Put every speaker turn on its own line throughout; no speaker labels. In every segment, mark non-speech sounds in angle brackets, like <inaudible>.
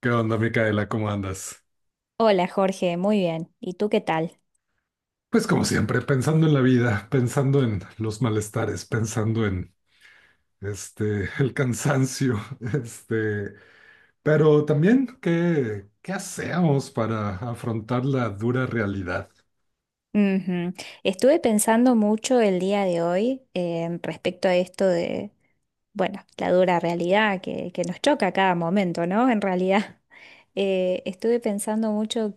¿Qué onda, Micaela? ¿Cómo andas?
Hola Jorge, muy bien. ¿Y tú qué tal?
Pues como siempre, pensando en la vida, pensando en los malestares, pensando en el cansancio, <laughs> este, pero también qué hacemos para afrontar la dura realidad.
Ujú. Estuve pensando mucho el día de hoy respecto a esto, bueno, la dura realidad que nos choca a cada momento, ¿no? En realidad, <laughs> estuve pensando mucho,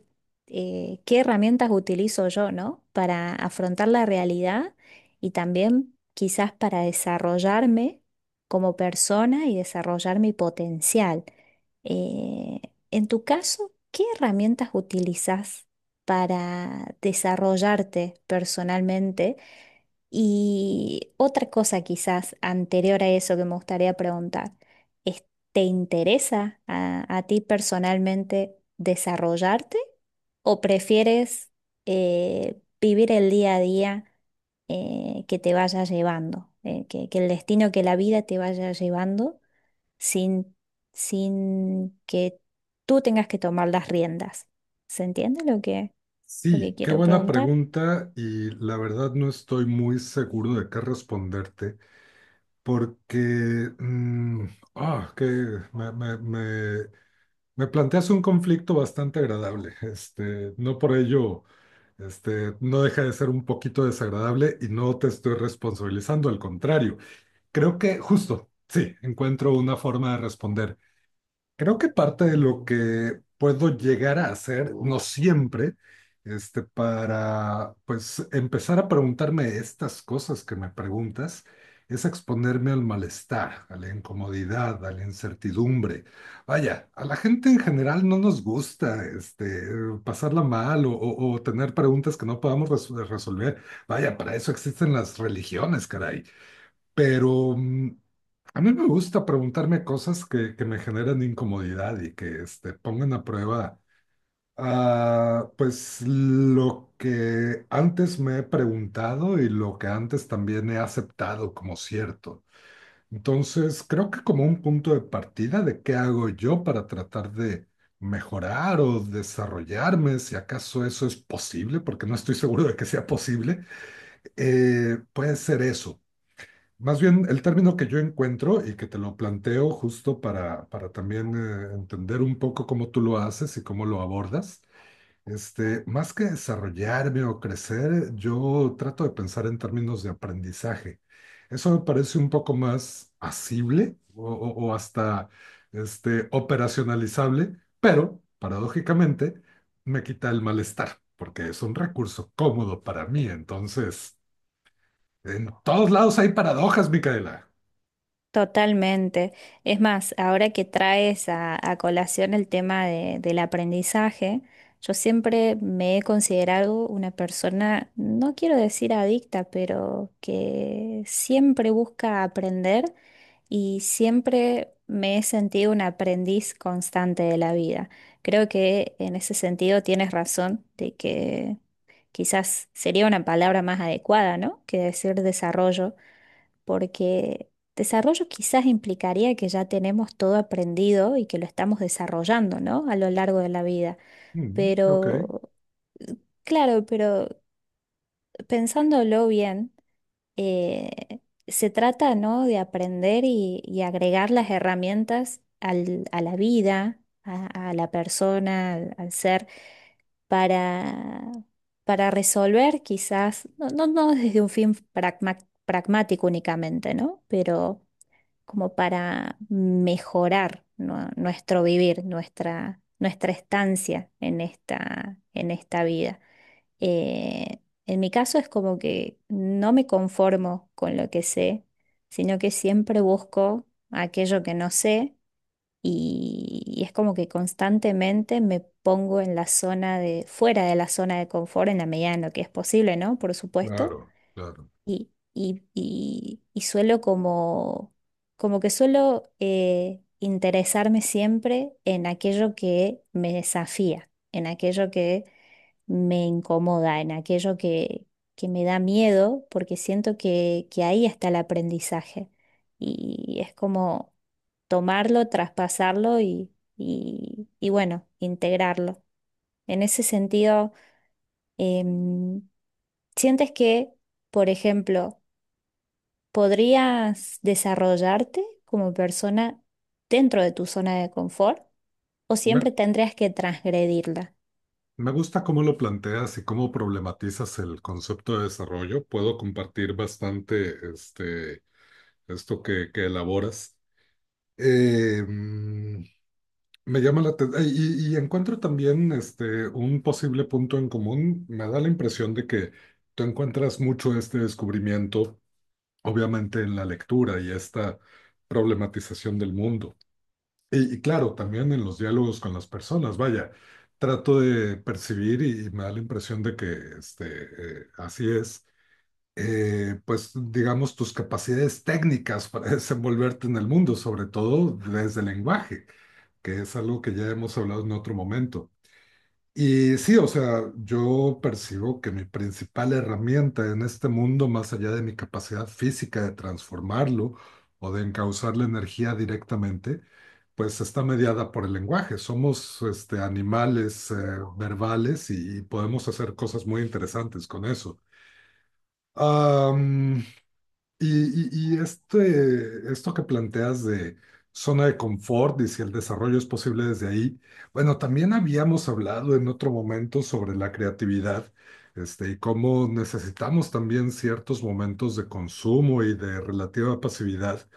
qué herramientas utilizo yo, ¿no? Para afrontar la realidad y también quizás para desarrollarme como persona y desarrollar mi potencial. Eh, en tu caso, ¿qué herramientas utilizas para desarrollarte personalmente? Y otra cosa quizás anterior a eso que me gustaría preguntar es, ¿te interesa a ti personalmente desarrollarte, o prefieres, vivir el día a día, que te vaya llevando, que el destino, que la vida te vaya llevando sin, sin que tú tengas que tomar las riendas? ¿Se entiende lo que, ¿lo que
Sí, qué
quiero
buena
preguntar?
pregunta y la verdad no estoy muy seguro de qué responderte porque mm, ah, que me, me- me me planteas un conflicto bastante agradable. No por ello, no deja de ser un poquito desagradable y no te estoy responsabilizando, al contrario. Creo que justo, sí, encuentro una forma de responder. Creo que parte de lo que puedo llegar a hacer, no siempre, para pues empezar a preguntarme estas cosas que me preguntas, es exponerme al malestar, a la incomodidad, a la incertidumbre. Vaya, a la gente en general no nos gusta pasarla mal o tener preguntas que no podamos resolver. Vaya, para eso existen las religiones, caray, pero a mí me gusta preguntarme cosas que me generan incomodidad y que pongan a prueba pues lo que antes me he preguntado y lo que antes también he aceptado como cierto. Entonces, creo que como un punto de partida de qué hago yo para tratar de mejorar o desarrollarme, si acaso eso es posible, porque no estoy seguro de que sea posible, puede ser eso, más bien, el término que yo encuentro y que te lo planteo justo para también entender un poco cómo tú lo haces y cómo lo abordas. Más que desarrollarme o crecer, yo trato de pensar en términos de aprendizaje. Eso me parece un poco más asible o hasta operacionalizable, pero paradójicamente me quita el malestar, porque es un recurso cómodo para mí. Entonces, en todos lados hay paradojas, Micaela.
Totalmente. Es más, ahora que traes a colación el tema de- del aprendizaje, yo siempre me he considerado una persona, no quiero decir adicta, pero que siempre busca aprender, y siempre me he sentido un aprendiz constante de la vida. Creo que en ese sentido tienes razón de que quizás sería una palabra más adecuada, ¿no? Que decir desarrollo, porque desarrollo quizás implicaría que ya tenemos todo aprendido y que lo estamos desarrollando, ¿no? A lo largo de la vida.
Mm, ok,
Pero, claro, pero pensándolo bien, eh, se trata, ¿no? De aprender y agregar las herramientas al- a la vida, a la persona, al al ser para, para resolver quizás, no, no, no desde un fin pragma- pragmático únicamente, ¿no? Pero como para mejorar, ¿no? Nuestro vivir, nuestra, nuestra estancia en esta vida. Eh, en mi caso es como que no me conformo con lo que sé, sino que siempre busco aquello que no sé, y es como que constantemente me pongo en la zona de, fuera de la zona de confort en la medida en lo que es posible, ¿no? Por supuesto.
claro, claro.
Y, y suelo como, como que suelo interesarme siempre en aquello que me desafía, en aquello que me incomoda, en aquello que me da miedo, porque siento que ahí está el aprendizaje. Y es como tomarlo, traspasarlo y, y bueno, integrarlo. En ese sentido, em, ¿sientes que, por ejemplo, podrías desarrollarte como persona dentro de tu zona de confort, o
Me,
siempre tendrías que transgredirla?
Me gusta cómo lo planteas y cómo problematizas el concepto de desarrollo. Puedo compartir bastante esto que elaboras. Eh, mm, Me llama la atención y encuentro también un posible punto en común. Me da la impresión de que tú encuentras mucho este descubrimiento, obviamente en la lectura y esta problematización del mundo. Y claro, también en los diálogos con las personas, vaya, trato de percibir y me da la impresión de que así es, pues digamos tus capacidades técnicas para <laughs> desenvolverte en el mundo, sobre todo desde el lenguaje, que es algo que ya hemos hablado en otro momento. Y sí, o sea, yo percibo que mi principal herramienta en este mundo, más allá de mi capacidad física de transformarlo o de encauzar la energía directamente, pues está mediada por el lenguaje. Somos animales verbales y podemos hacer cosas muy interesantes con eso. Y esto que planteas de zona de confort y si el desarrollo es posible desde ahí, bueno, también habíamos hablado en otro momento sobre la creatividad, y cómo necesitamos también ciertos momentos de consumo y de relativa pasividad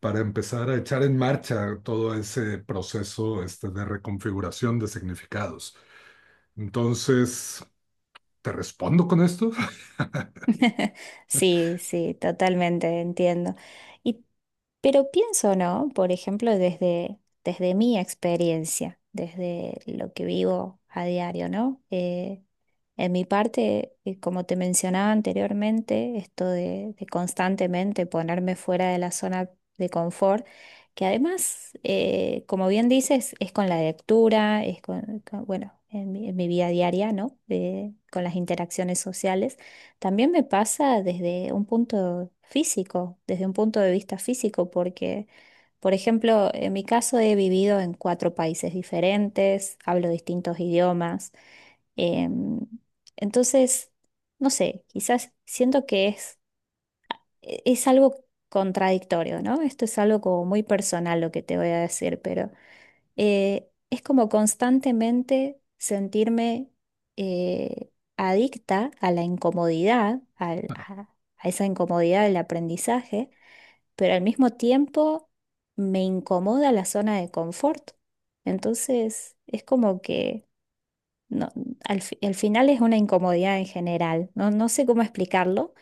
para empezar a echar en marcha todo ese proceso, de reconfiguración de significados. Entonces, ¿te respondo con esto?
<laughs> Sí, sí, totalmente entiendo. Y, pero pienso, ¿no? Por ejemplo, desde mi experiencia, desde lo que vivo a diario, ¿no? En mi parte, como te mencionaba anteriormente, esto de constantemente ponerme fuera de la zona de confort, que además, como bien dices, es con la lectura, es con- bueno, en mi vida diaria, ¿no? De- con las interacciones sociales. También me pasa desde un punto físico, desde un punto de vista físico, porque, por ejemplo, en mi caso he vivido en 4 países diferentes, hablo distintos idiomas. Em, entonces, no sé, quizás siento que es, e- es algo contradictorio, ¿no? Esto es algo como muy personal lo que te voy a decir, pero es como constantemente sentirme, eh, adicta a la incomodidad, al- a esa incomodidad del aprendizaje, pero al mismo tiempo me incomoda la zona de confort. Entonces, es como que... No, al, fi- al final es una incomodidad en general, no, no sé cómo explicarlo,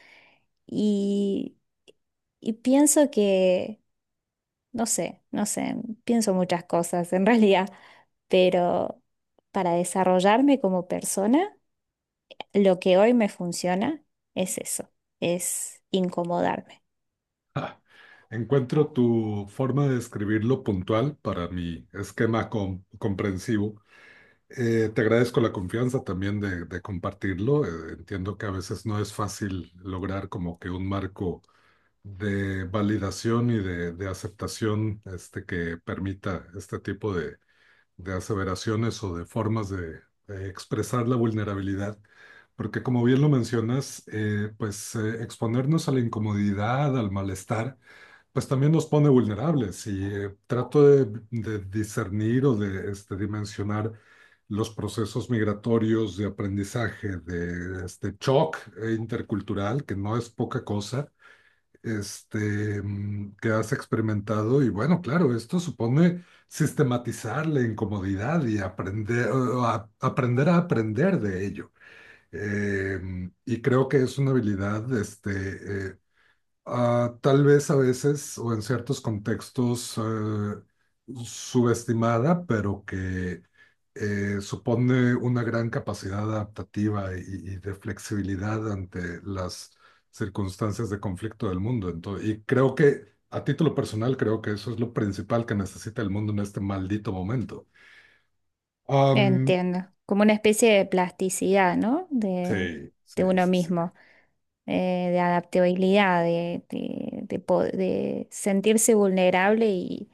y, y pienso que, no sé, no sé, pienso muchas cosas en <laughs> realidad, pero para desarrollarme como persona, lo que hoy me funciona es eso, es incomodarme.
Ah, Encuentro tu forma de describirlo puntual para mi esquema comprensivo. Te agradezco la confianza también de compartirlo. Entiendo que a veces no es fácil lograr como que un marco de validación y de aceptación que permita este tipo de aseveraciones o de formas de expresar la vulnerabilidad. Porque como bien lo mencionas, exponernos a la incomodidad, al malestar, pues también nos pone vulnerables y trato de discernir o de dimensionar los procesos migratorios de aprendizaje, de este shock intercultural, que no es poca cosa, que has experimentado. Y bueno, claro, esto supone sistematizar la incomodidad y aprender, o aprender a aprender de ello. Eh, y creo que es una habilidad tal vez a veces o en ciertos contextos subestimada, pero que supone una gran capacidad adaptativa y de flexibilidad ante las circunstancias de conflicto del mundo. Entonces, y creo que a título personal creo que eso es lo principal que necesita el mundo en este maldito momento. Am,
Entiendo, como una especie de plasticidad, ¿no?
sí,
De
sí,
uno
sí, sí.
mismo. De adaptabilidad, de po- de sentirse vulnerable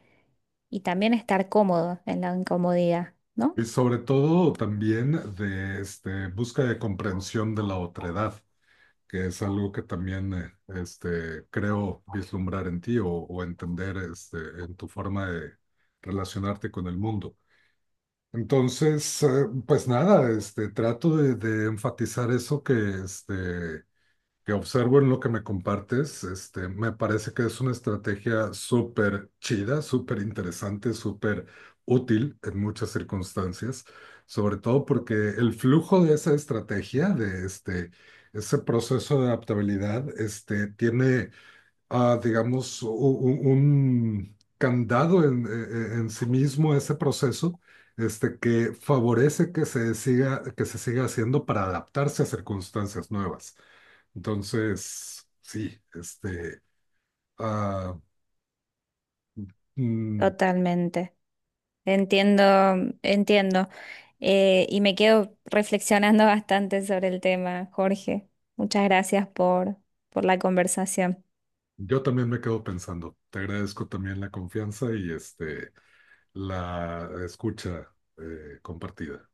y también estar cómodo en la incomodidad, ¿no?
Y sobre todo también de busca de comprensión de la otredad, que es algo que también creo vislumbrar en ti o entender en tu forma de relacionarte con el mundo. Entonces, pues nada, trato de enfatizar eso que este, que observo en lo que me compartes. Me parece que es una estrategia súper chida, súper interesante, súper útil en muchas circunstancias, sobre todo porque el flujo de esa estrategia, de ese proceso de adaptabilidad, tiene, digamos, un candado en, en sí mismo ese proceso. Que favorece que se siga haciendo para adaptarse a circunstancias nuevas. Entonces, sí, ah, mm,
Totalmente. Entiendo, entiendo. Y me quedo reflexionando <laughs> bastante sobre el tema, Jorge. Muchas gracias por la conversación.
yo también me quedo pensando. Te agradezco también la confianza y la escucha compartida.